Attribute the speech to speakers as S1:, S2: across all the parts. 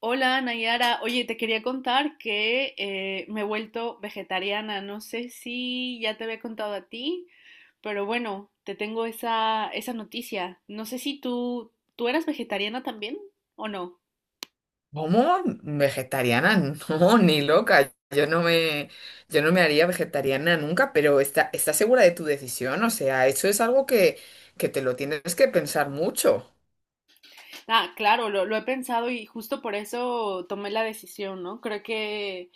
S1: Hola Nayara, oye, te quería contar que me he vuelto vegetariana. No sé si ya te había contado a ti, pero bueno, te tengo esa noticia. No sé si tú, ¿tú eras vegetariana también o no?
S2: ¿Cómo? ¿Vegetariana? No, ni loca. Yo no me haría vegetariana nunca, pero ¿estás segura de tu decisión? O sea, eso es algo que te lo tienes que pensar mucho.
S1: Ah, claro, lo he pensado y justo por eso tomé la decisión, ¿no? Creo que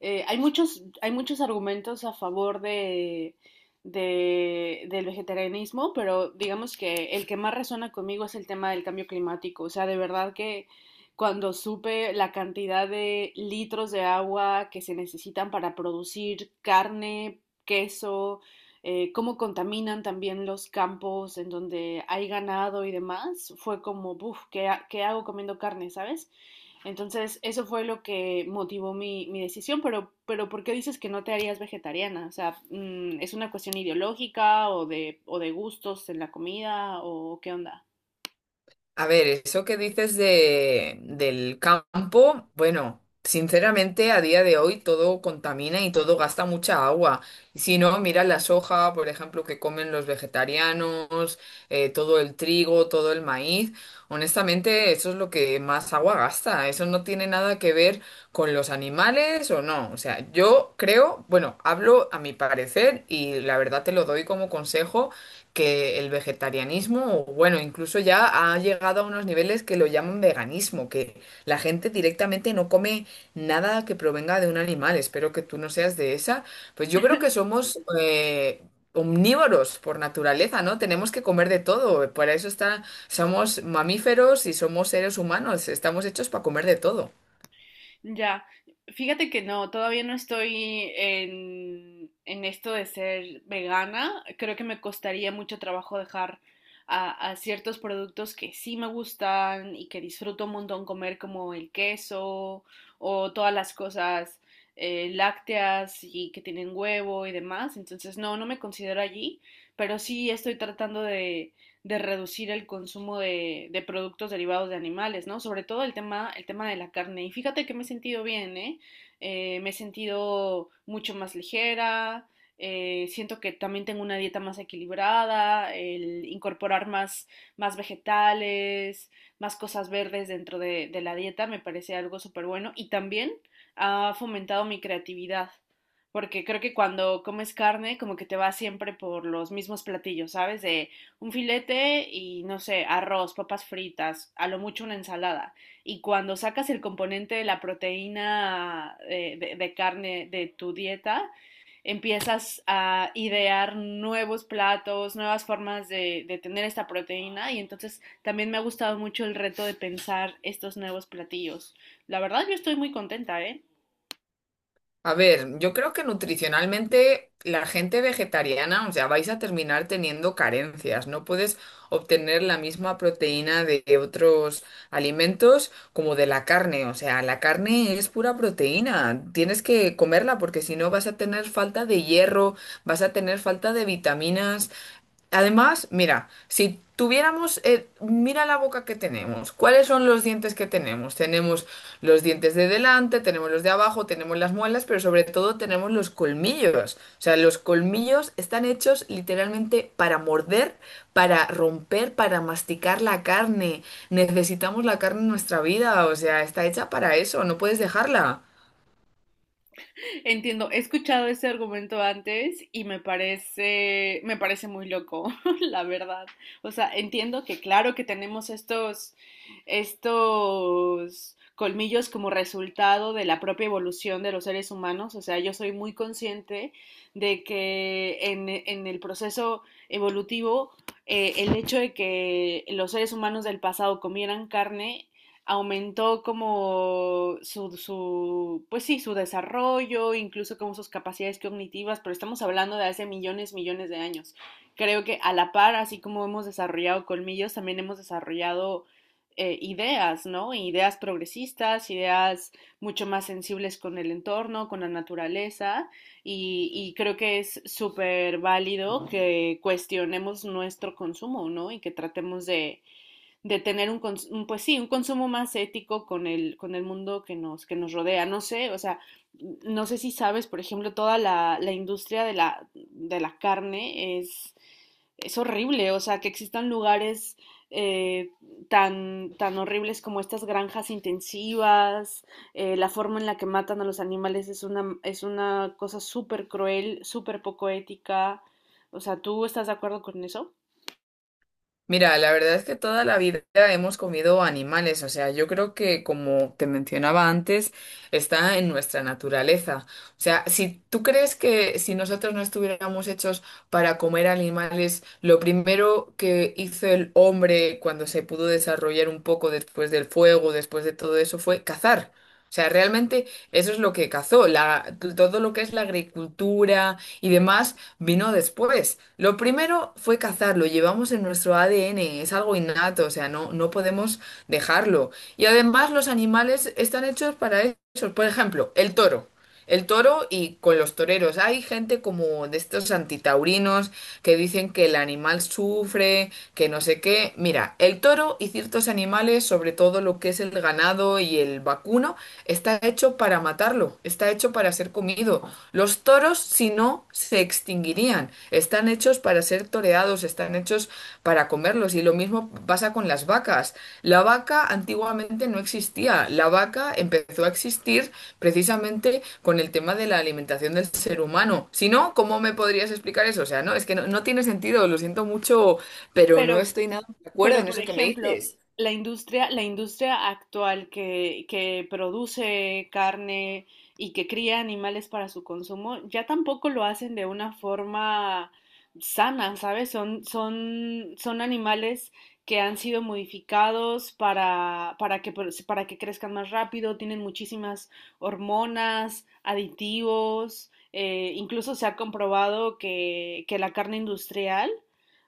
S1: hay muchos argumentos a favor del vegetarianismo, pero digamos que el que más resuena conmigo es el tema del cambio climático. O sea, de verdad que cuando supe la cantidad de litros de agua que se necesitan para producir carne, queso, cómo contaminan también los campos en donde hay ganado y demás, fue como, uff, ¿ qué hago comiendo carne, ¿sabes? Entonces, eso fue lo que motivó mi decisión, pero ¿por qué dices que no te harías vegetariana? O sea, ¿es una cuestión ideológica o de gustos en la comida o qué onda?
S2: A ver, eso que dices del campo, bueno, sinceramente a día de hoy todo contamina y todo gasta mucha agua. Y si no, mira la soja, por ejemplo, que comen los vegetarianos, todo el trigo, todo el maíz. Honestamente, eso es lo que más agua gasta. Eso no tiene nada que ver con los animales o no. O sea, yo creo, bueno, hablo a mi parecer y la verdad te lo doy como consejo que el vegetarianismo, o bueno, incluso ya ha llegado a unos niveles que lo llaman veganismo, que la gente directamente no come nada que provenga de un animal. Espero que tú no seas de esa. Pues yo creo que somos omnívoros por naturaleza, ¿no? Tenemos que comer de todo. Para eso está, somos mamíferos y somos seres humanos. Estamos hechos para comer de todo.
S1: Ya, fíjate que no, todavía no estoy en esto de ser vegana. Creo que me costaría mucho trabajo dejar a ciertos productos que sí me gustan y que disfruto un montón comer, como el queso o todas las cosas lácteas y que tienen huevo y demás. Entonces, no, no me considero allí, pero sí estoy tratando de reducir el consumo de productos derivados de animales, ¿no? Sobre todo el tema de la carne. Y fíjate que me he sentido bien, ¿eh? Me he sentido mucho más ligera, siento que también tengo una dieta más equilibrada, el incorporar más, más vegetales, más cosas verdes dentro de la dieta me parece algo súper bueno y también ha fomentado mi creatividad. Porque creo que cuando comes carne, como que te vas siempre por los mismos platillos, ¿sabes? De un filete y no sé, arroz, papas fritas, a lo mucho una ensalada. Y cuando sacas el componente de la proteína de carne de tu dieta, empiezas a idear nuevos platos, nuevas formas de tener esta proteína. Y entonces también me ha gustado mucho el reto de pensar estos nuevos platillos. La verdad, yo estoy muy contenta, ¿eh?
S2: A ver, yo creo que nutricionalmente la gente vegetariana, o sea, vais a terminar teniendo carencias. No puedes obtener la misma proteína de otros alimentos como de la carne. O sea, la carne es pura proteína. Tienes que comerla porque si no vas a tener falta de hierro, vas a tener falta de vitaminas. Además, mira, si mira la boca que tenemos, ¿cuáles son los dientes que tenemos? Tenemos los dientes de delante, tenemos los de abajo, tenemos las muelas, pero sobre todo tenemos los colmillos. O sea, los colmillos están hechos literalmente para morder, para romper, para masticar la carne. Necesitamos la carne en nuestra vida, o sea, está hecha para eso, no puedes dejarla.
S1: Entiendo, he escuchado ese argumento antes y me parece muy loco, la verdad. O sea, entiendo que claro que tenemos estos colmillos como resultado de la propia evolución de los seres humanos. O sea, yo soy muy consciente de que en el proceso evolutivo, el hecho de que los seres humanos del pasado comieran carne aumentó como pues sí, su desarrollo, incluso como sus capacidades cognitivas, pero estamos hablando de hace millones, millones de años. Creo que a la par, así como hemos desarrollado colmillos, también hemos desarrollado ideas, ¿no? Ideas progresistas, ideas mucho más sensibles con el entorno, con la naturaleza, y creo que es súper válido que cuestionemos nuestro consumo, ¿no? Y que tratemos de tener pues sí, un consumo más ético con el mundo que nos rodea. No sé, o sea, no sé si sabes, por ejemplo, toda la industria de de la carne es horrible, o sea, que existan lugares eh, tan, tan horribles como estas granjas intensivas, la forma en la que matan a los animales es una cosa súper cruel, súper poco ética. O sea, ¿tú estás de acuerdo con eso?
S2: Mira, la verdad es que toda la vida hemos comido animales, o sea, yo creo que como te mencionaba antes, está en nuestra naturaleza. O sea, si tú crees que si nosotros no estuviéramos hechos para comer animales, lo primero que hizo el hombre cuando se pudo desarrollar un poco después del fuego, después de todo eso, fue cazar. O sea, realmente eso es lo que cazó, todo lo que es la agricultura y demás vino después. Lo primero fue cazar, lo llevamos en nuestro ADN, es algo innato, o sea, no podemos dejarlo. Y además los animales están hechos para eso. Por ejemplo, el toro. El toro y con los toreros. Hay gente como de estos antitaurinos que dicen que el animal sufre, que no sé qué. Mira, el toro y ciertos animales, sobre todo lo que es el ganado y el vacuno, está hecho para matarlo, está hecho para ser comido. Los toros, si no, se extinguirían distinguirían. Están hechos para ser toreados, están hechos para comerlos. Y lo mismo pasa con las vacas. La vaca antiguamente no existía. La vaca empezó a existir precisamente con el tema de la alimentación del ser humano. Si no, ¿cómo me podrías explicar eso? O sea, no, es que no tiene sentido, lo siento mucho, pero no
S1: Pero
S2: estoy nada de acuerdo en
S1: Por
S2: eso que me
S1: ejemplo,
S2: dices.
S1: la industria actual que produce carne y que cría animales para su consumo, ya tampoco lo hacen de una forma sana, ¿sabes? Son, son, son animales que han sido modificados para que crezcan más rápido, tienen muchísimas hormonas, aditivos, incluso se ha comprobado que la carne industrial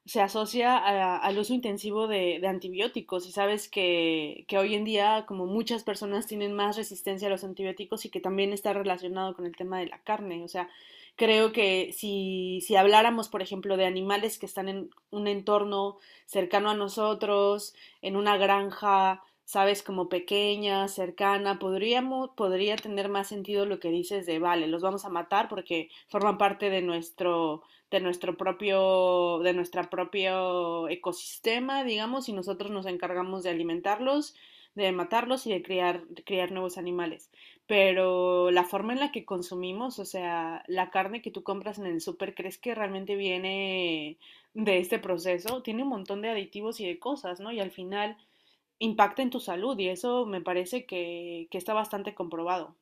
S1: se asocia al uso intensivo de antibióticos y sabes que hoy en día como muchas personas tienen más resistencia a los antibióticos y que también está relacionado con el tema de la carne. O sea, creo que si, si habláramos, por ejemplo, de animales que están en un entorno cercano a nosotros, en una granja, sabes, como pequeña, cercana, podría tener más sentido lo que dices de, vale, los vamos a matar porque forman parte de nuestro de nuestro propio ecosistema, digamos, y nosotros nos encargamos de alimentarlos, de matarlos y de criar, criar nuevos animales. Pero la forma en la que consumimos, o sea, la carne que tú compras en el súper, ¿crees que realmente viene de este proceso? Tiene un montón de aditivos y de cosas, ¿no? Y al final impacta en tu salud y eso me parece que está bastante comprobado.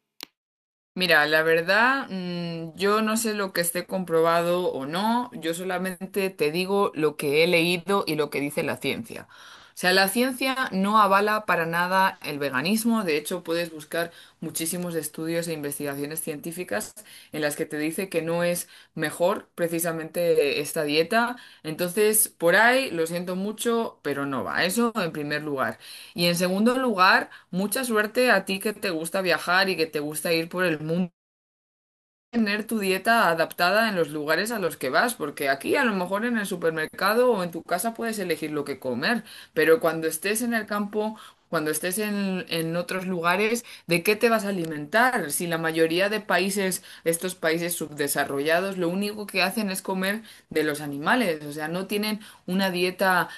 S2: Mira, la verdad, yo no sé lo que esté comprobado o no, yo solamente te digo lo que he leído y lo que dice la ciencia. O sea, la ciencia no avala para nada el veganismo, de hecho puedes buscar muchísimos estudios e investigaciones científicas en las que te dice que no es mejor precisamente esta dieta. Entonces, por ahí, lo siento mucho, pero no va. Eso en primer lugar. Y en segundo lugar, mucha suerte a ti que te gusta viajar y que te gusta ir por el mundo tener tu dieta adaptada en los lugares a los que vas, porque aquí a lo mejor en el supermercado o en tu casa puedes elegir lo que comer, pero cuando estés en el campo, cuando en otros lugares, ¿de qué te vas a alimentar? Si la mayoría de países, estos países subdesarrollados, lo único que hacen es comer de los animales, o sea, no tienen una dieta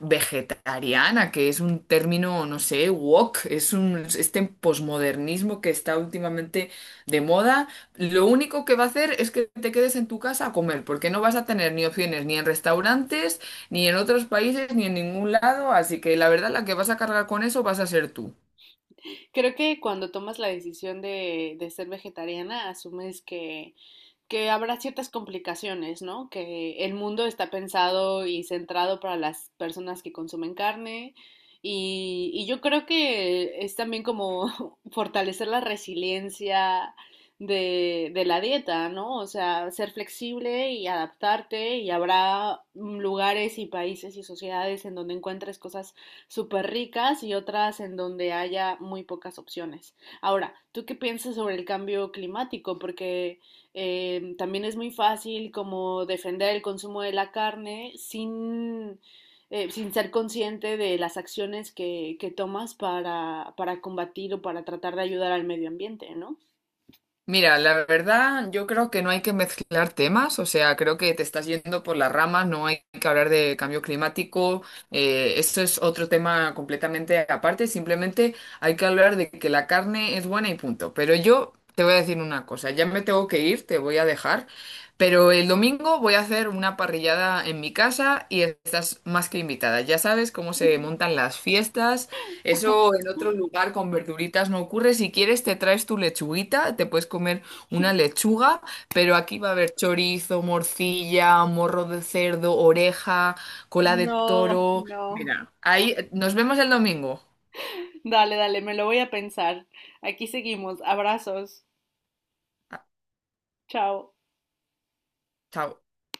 S2: vegetariana, que es un término, no sé, woke, es un, este posmodernismo que está últimamente de moda, lo único que va a hacer es que te quedes en tu casa a comer, porque no vas a tener ni opciones ni en restaurantes, ni en otros países, ni en ningún lado, así que la verdad la que vas a cargar con eso vas a ser tú.
S1: Creo que cuando tomas la decisión de ser vegetariana asumes que habrá ciertas complicaciones, ¿no? Que el mundo está pensado y centrado para las personas que consumen carne y yo creo que es también como fortalecer la resiliencia de la dieta, ¿no? O sea, ser flexible y adaptarte y habrá lugares y países y sociedades en donde encuentres cosas súper ricas y otras en donde haya muy pocas opciones. Ahora, ¿tú qué piensas sobre el cambio climático? Porque también es muy fácil como defender el consumo de la carne sin, sin ser consciente de las acciones que tomas para combatir o para tratar de ayudar al medio ambiente, ¿no?
S2: Mira, la verdad, yo creo que no hay que mezclar temas, o sea, creo que te estás yendo por las ramas, no hay que hablar de cambio climático, esto es otro tema completamente aparte, simplemente hay que hablar de que la carne es buena y punto. Pero yo te voy a decir una cosa, ya me tengo que ir, te voy a dejar, pero el domingo voy a hacer una parrillada en mi casa y estás más que invitada. Ya sabes cómo se montan las fiestas eso en otro lugar con verduritas no ocurre. Si quieres, te traes tu lechuguita, te puedes comer una lechuga, pero aquí va a haber chorizo, morcilla, morro de cerdo, oreja, cola de
S1: No,
S2: toro.
S1: no.
S2: Mira, ahí nos vemos el domingo.
S1: Dale, dale, me lo voy a pensar. Aquí seguimos. Abrazos.
S2: Ah,
S1: Chao.
S2: chao.